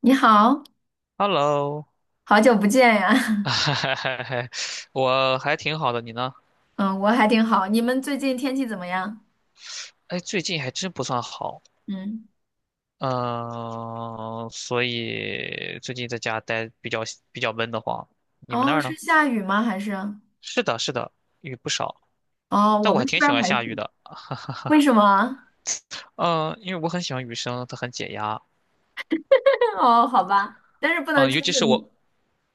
你好，Hello，好久不见呀。我还挺好的，你呢？嗯，我还挺好。你们最近天气怎么样？哎，最近还真不算好，嗯，嗯、所以最近在家待比较闷得慌。你们那哦，儿是呢？下雨吗？还是？是的，是的，雨不少，哦，但我我们还这挺边喜儿欢还下雨行。的，为什么啊？嗯、因为我很喜欢雨声，它很解压，哦，好吧，但是不能嗯、出尤去。其是我，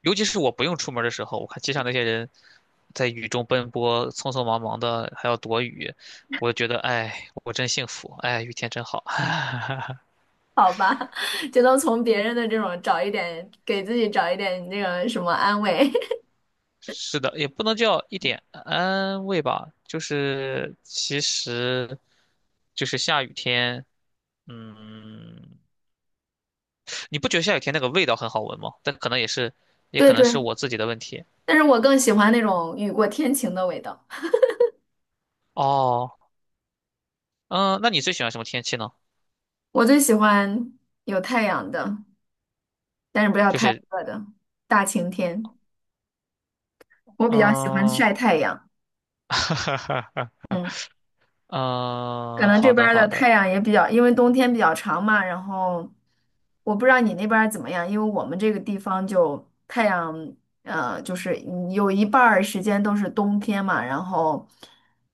尤其是我不用出门的时候，我看街上那些人在雨中奔波，匆匆忙忙的还要躲雨，我就觉得，哎，我真幸福，哎，雨天真好。好吧，只能从别人的这种找一点，给自己找一点那个什么安慰。是的，也不能叫一点安慰吧，就是其实就是下雨天，嗯，你不觉得下雨天那个味道很好闻吗？但可能也是，也对可能是对，我自己的问题。但是我更喜欢那种雨过天晴的味道。哦，嗯，那你最喜欢什么天气呢？我最喜欢有太阳的，但是不要就太是，热的大晴天。我比较喜欢嗯，晒 太阳。哈哈，哈，嗯。可嗯，能这好边的，儿的好的。太阳也比较，因为冬天比较长嘛，然后我不知道你那边儿怎么样，因为我们这个地方就太阳，就是你有一半儿时间都是冬天嘛，然后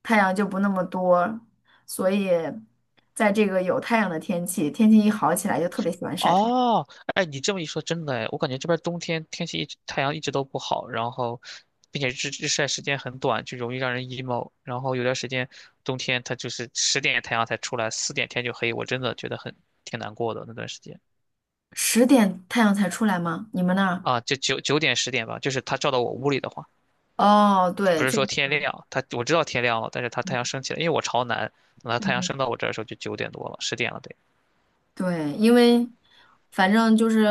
太阳就不那么多，所以在这个有太阳的天气，天气一好起来就特别喜欢晒太阳。哦，哎，你这么一说，真的哎，我感觉这边冬天天气一直太阳一直都不好，然后，并且日日晒时间很短，就容易让人 emo。然后有段时间冬天它就是十点太阳才出来，4点天就黑，我真的觉得很挺难过的那段时间10点太阳才出来吗？你们那儿？啊，就九点十点吧，就是它照到我屋里的话，哦，对，不是就。说天嗯亮，它我知道天亮了，但是它太阳嗯升起来，因为我朝南，等它太阳嗯，升到我这儿的时候就9点多了，十点了得。对，因为反正就是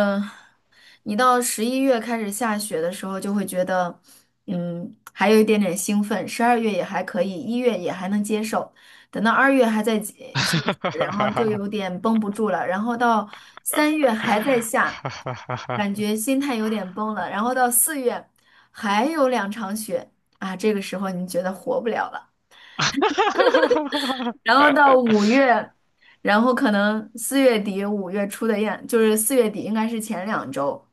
你到11月开始下雪的时候，就会觉得，嗯，还有一点点兴奋。12月也还可以，一月也还能接受，等到二月还在下雪然后就 哈有点绷不住了。然后到3月还在下，哈哈哈哈感哈，觉心态有点崩了。然后到四月还有2场雪啊，这个时候你觉得活不了了。然后到五月，然后可能四月底5月初的样，就是四月底应该是前2周，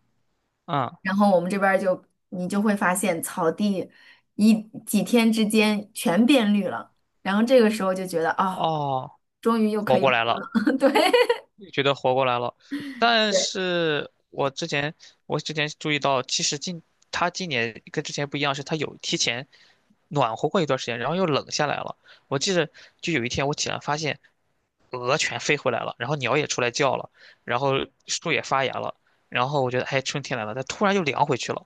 嗯，然后我们这边儿就你就会发现草地一几天之间全变绿了，然后这个时候就觉得啊，哦，终于又可活以过来活了，了。对觉得活过来了。但对，是我之前注意到，其实他今年跟之前不一样，是他有提前暖和过一段时间，然后又冷下来了。我记得就有一天我起来发现鹅全飞回来了，然后鸟也出来叫了，然后树也发芽了，然后我觉得哎春天来了，它突然又凉回去了。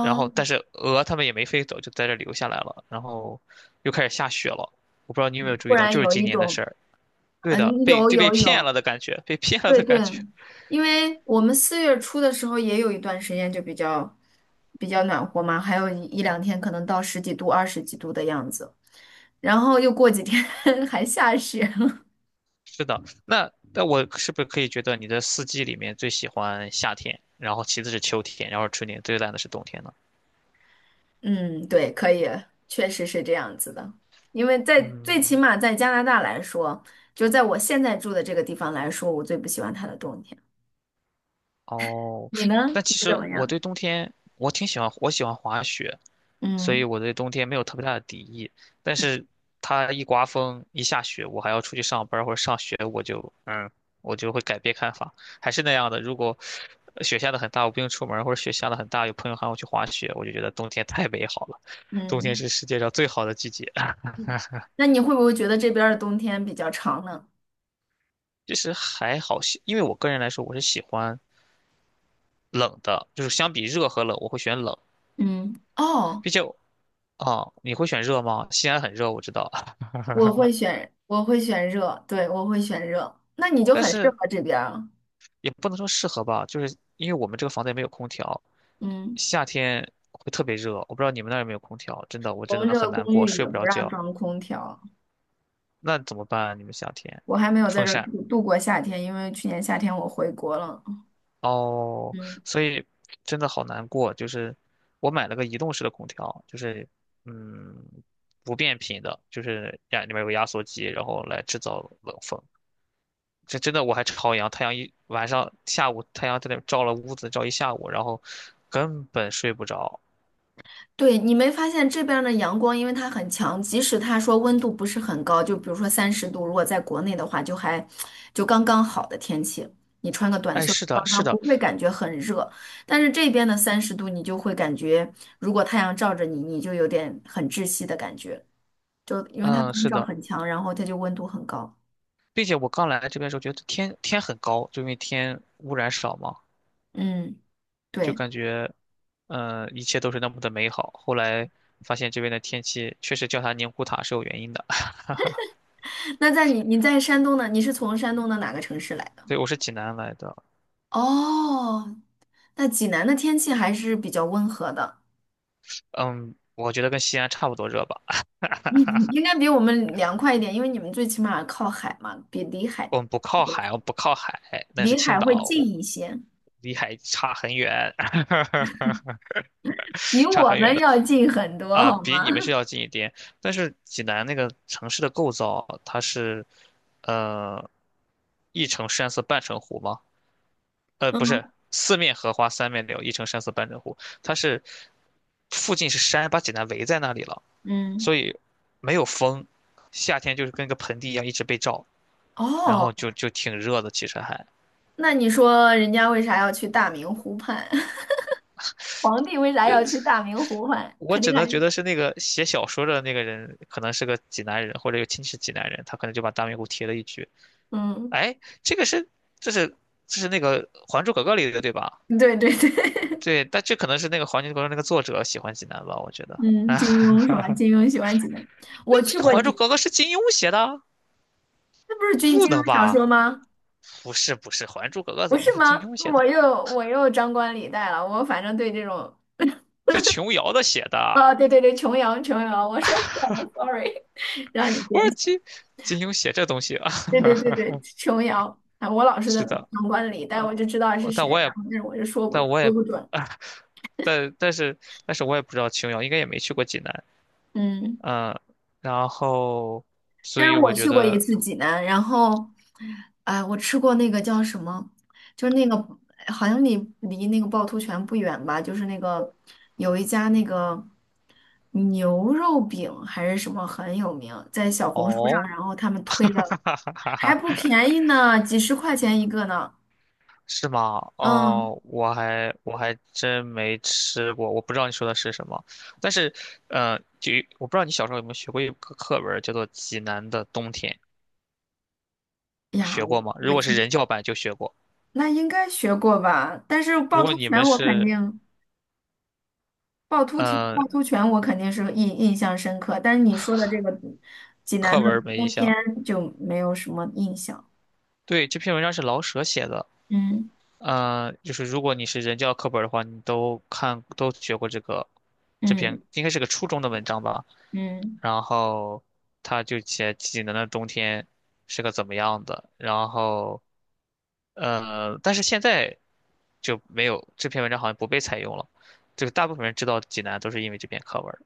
然后，但是鹅它们也没飞走，就在这留下来了。然后又开始下雪了，我不知道你有没有注突意到，然就是有今一年的种事儿。对的，嗯被有就被有骗有。了的感觉，被骗了对的对，感觉。因为我们4月初的时候也有一段时间就比较暖和嘛，还有一两天可能到十几度、二十几度的样子，然后又过几天 还下雪了。是的，那我是不是可以觉得你的四季里面最喜欢夏天，然后其次是秋天，然后是春天，最烂的是冬天呢？嗯，对，可以，确实是这样子的。因为在最起嗯码在加拿大来说，就在我现在住的这个地方来说，我最不喜欢它的冬天。哦，你呢？但其你实怎么我样？对冬天我挺喜欢，我喜欢滑雪，所以嗯我对冬天没有特别大的敌意。但嗯是它一刮风一下雪，我还要出去上班儿或者上学，我就我就会改变看法。还是那样的，如果雪下的很大，我不用出门儿或者雪下的很大，有朋友喊我去滑雪，我就觉得冬天太美好了。冬天是嗯，世界上最好的季节。嗯，那你会不会觉得这边儿的冬天比较长呢？其实还好，因为我个人来说，我是喜欢冷的，就是相比热和冷，我会选冷。嗯，哦。毕竟啊，你会选热吗？西安很热，我知道，我会选，我会选热，对，我会选热。那你就但很适是合这边儿。也不能说适合吧，就是因为我们这个房子也没有空调，嗯，夏天会特别热。我不知道你们那儿有没有空调，真的，我我真们的这很个难公过，寓睡也不不着让觉。装空调，那怎么办啊你们夏天我还没有在风这儿扇度过夏天，因为去年夏天我回国了。哦，嗯。所以真的好难过。就是我买了个移动式的空调，就是嗯不变频的，就是里面有个压缩机，然后来制造冷风。这真的我还朝阳，太阳一晚上下午太阳在那照了屋子照一下午，然后根本睡不着。对，你没发现这边儿的阳光，因为它很强，即使它说温度不是很高，就比如说三十度，如果在国内的话，就还就刚刚好的天气，你穿个短哎，袖是刚的，是刚不的，会感觉很热。但是这边的三十度，你就会感觉，如果太阳照着你，你就有点很窒息的感觉，就因为它嗯，光是照的，很强，然后它就温度很高。并且我刚来这边的时候觉得天天很高，就因为天污染少嘛，嗯，就对。感觉，一切都是那么的美好。后来发现这边的天气确实叫它宁古塔是有原因的。那在你在山东呢？你是从山东的哪个城市来的？对，我是济南来的，哦，那济南的天气还是比较温和的。嗯，我觉得跟西安差不多热吧。嗯，应该比我们凉快一点，因为你们最起码靠海嘛，比离海我们不靠海，我们不靠海，那是青会岛，近我一些，离海差很远，比差我很远们的。要近很多，啊，好比吗？你们是要近一点，但是济南那个城市的构造，它是，呃，一城山色半城湖吗？不嗯是，四面荷花三面柳，一城山色半城湖。它是附近是山，把济南围在那里了，嗯，所以没有风，夏天就是跟个盆地一样一直被照，然哦，后就挺热的。其实还，那你说人家为啥要去大明湖畔？皇帝为啥呃，要去大明湖畔？我肯定只还能觉是。得是那个写小说的那个人，可能是个济南人，或者有亲戚是济南人，他可能就把大明湖贴了一句。嗯，哎，这个是这是这是那个《还珠格格》里的对吧？对对对，对，但这可能是那个《还珠格格》那个作者喜欢济南吧，我觉 得。嗯，啊，金庸是吧？金庸喜欢济南，我去这过《还珠济，格格》是金庸写的？那不是金不金能庸小吧？说吗？不是不是，《还珠格格》不怎么能是是金吗？庸写我的？又我又张冠李戴了，我反正对这种，是琼瑶的写的。啊，对对对，琼瑶，琼瑶，我说错了，sorry，让你我见说笑。金庸写这东西啊，对对对 对，琼瑶啊，我老是在是的旁观里，啊，但我就知道我是但谁，我也然后但是我就说不但我也说不准。啊，但但是但是我也不知道琼瑶应该也没去过济南，嗯，嗯，然后所但以是我我觉去过一得次济南，然后，哎，我吃过那个叫什么，就是那个好像离那个趵突泉不远吧，就是那个有一家那个牛肉饼还是什么很有名，在小红书上，哦，然后他们推 哈的。哈哈哈还不哈。便宜呢，几十块钱一个呢。是吗？嗯，哦，我还真没吃过，我不知道你说的是什么。但是，就我不知道你小时候有没有学过一个课文儿叫做《济南的冬天》，呀，学我过吗？如我果是记，人教版就学过，那应该学过吧？但是如趵果突你泉们我肯是定，趵突泉趵呃突泉我肯定是印象深刻，但是你说的这个济南课的文儿没印冬天象。就没有什么印象。对，这篇文章是老舍写的，嗯就是如果你是人教课本儿的话，你都学过这个这篇，嗯应该是个初中的文章吧。嗯，然后他就写济南的冬天是个怎么样的，然后但是现在就没有这篇文章好像不被采用了，这个大部分人知道济南都是因为这篇课文儿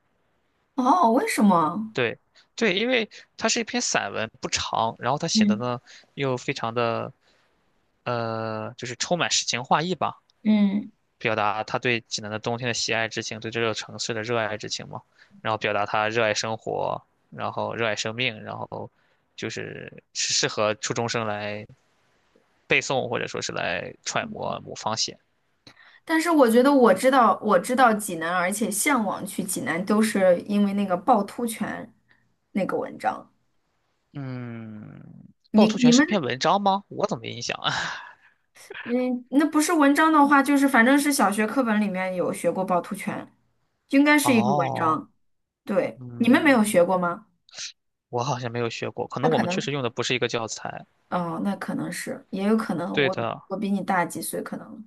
哦，为什么？对，对，因为它是一篇散文，不长，然后他写的嗯呢又非常的就是充满诗情画意吧。嗯，表达他对济南的冬天的喜爱之情，对这座城市的热爱之情嘛。然后表达他热爱生活，然后热爱生命，然后就是是适合初中生来背诵或者说是来揣摩某方写。但是我觉得我知道济南，而且向往去济南，都是因为那个趵突泉那个文章。嗯，趵你突你泉是们。篇文章吗？我怎么没印象啊？嗯，那不是文章的话，就是反正是小学课本里面有学过趵突泉，应该 是一个文哦，章。对，你们没有学过嗯，吗？我好像没有学过，可那能我可们确实能，用的不是一个教材。哦，那可能是，也有可能对我的，我比你大几岁，可能。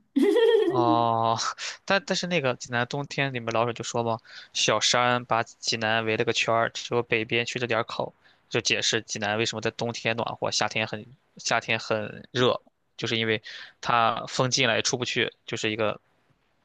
哦，但是那个济南冬天你们老舍就说嘛，小山把济南围了个圈儿，只有北边缺了点儿口，就解释济南为什么在冬天暖和，夏天很热，就是因为它风进来出不去，就是一个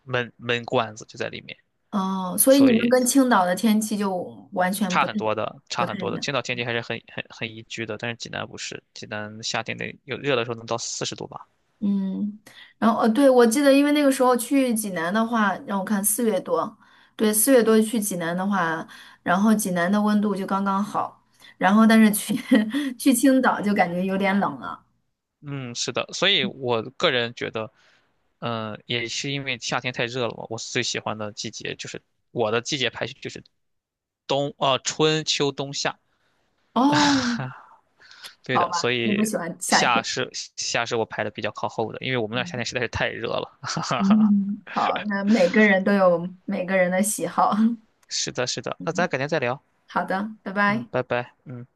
闷闷罐子就在里面，哦，所以所你们以跟青岛的天气就完全差不很太多的，差不很太多一的。样。青岛天气还是很很很宜居的，但是济南不是，济南夏天得有热的时候能到40度吧。嗯，然后对，我记得，因为那个时候去济南的话，让我看四月多，对，四月多去济南的话，然后济南的温度就刚刚好，然后但是去 去青岛就感觉有点冷了。嗯，是的，所以我个人觉得，也是因为夏天太热了嘛，我最喜欢的季节就是我的季节排序就是冬，春秋冬夏，哦，对好的，吧，所你以不喜欢夏夏天。是夏是我排的比较靠后的，因为我们那儿夏嗯，天实在是太热了。嗯，好，那每个人都有每个人的喜好。是的，是的，那咱 改天再聊，好的，拜嗯，拜。拜拜，嗯。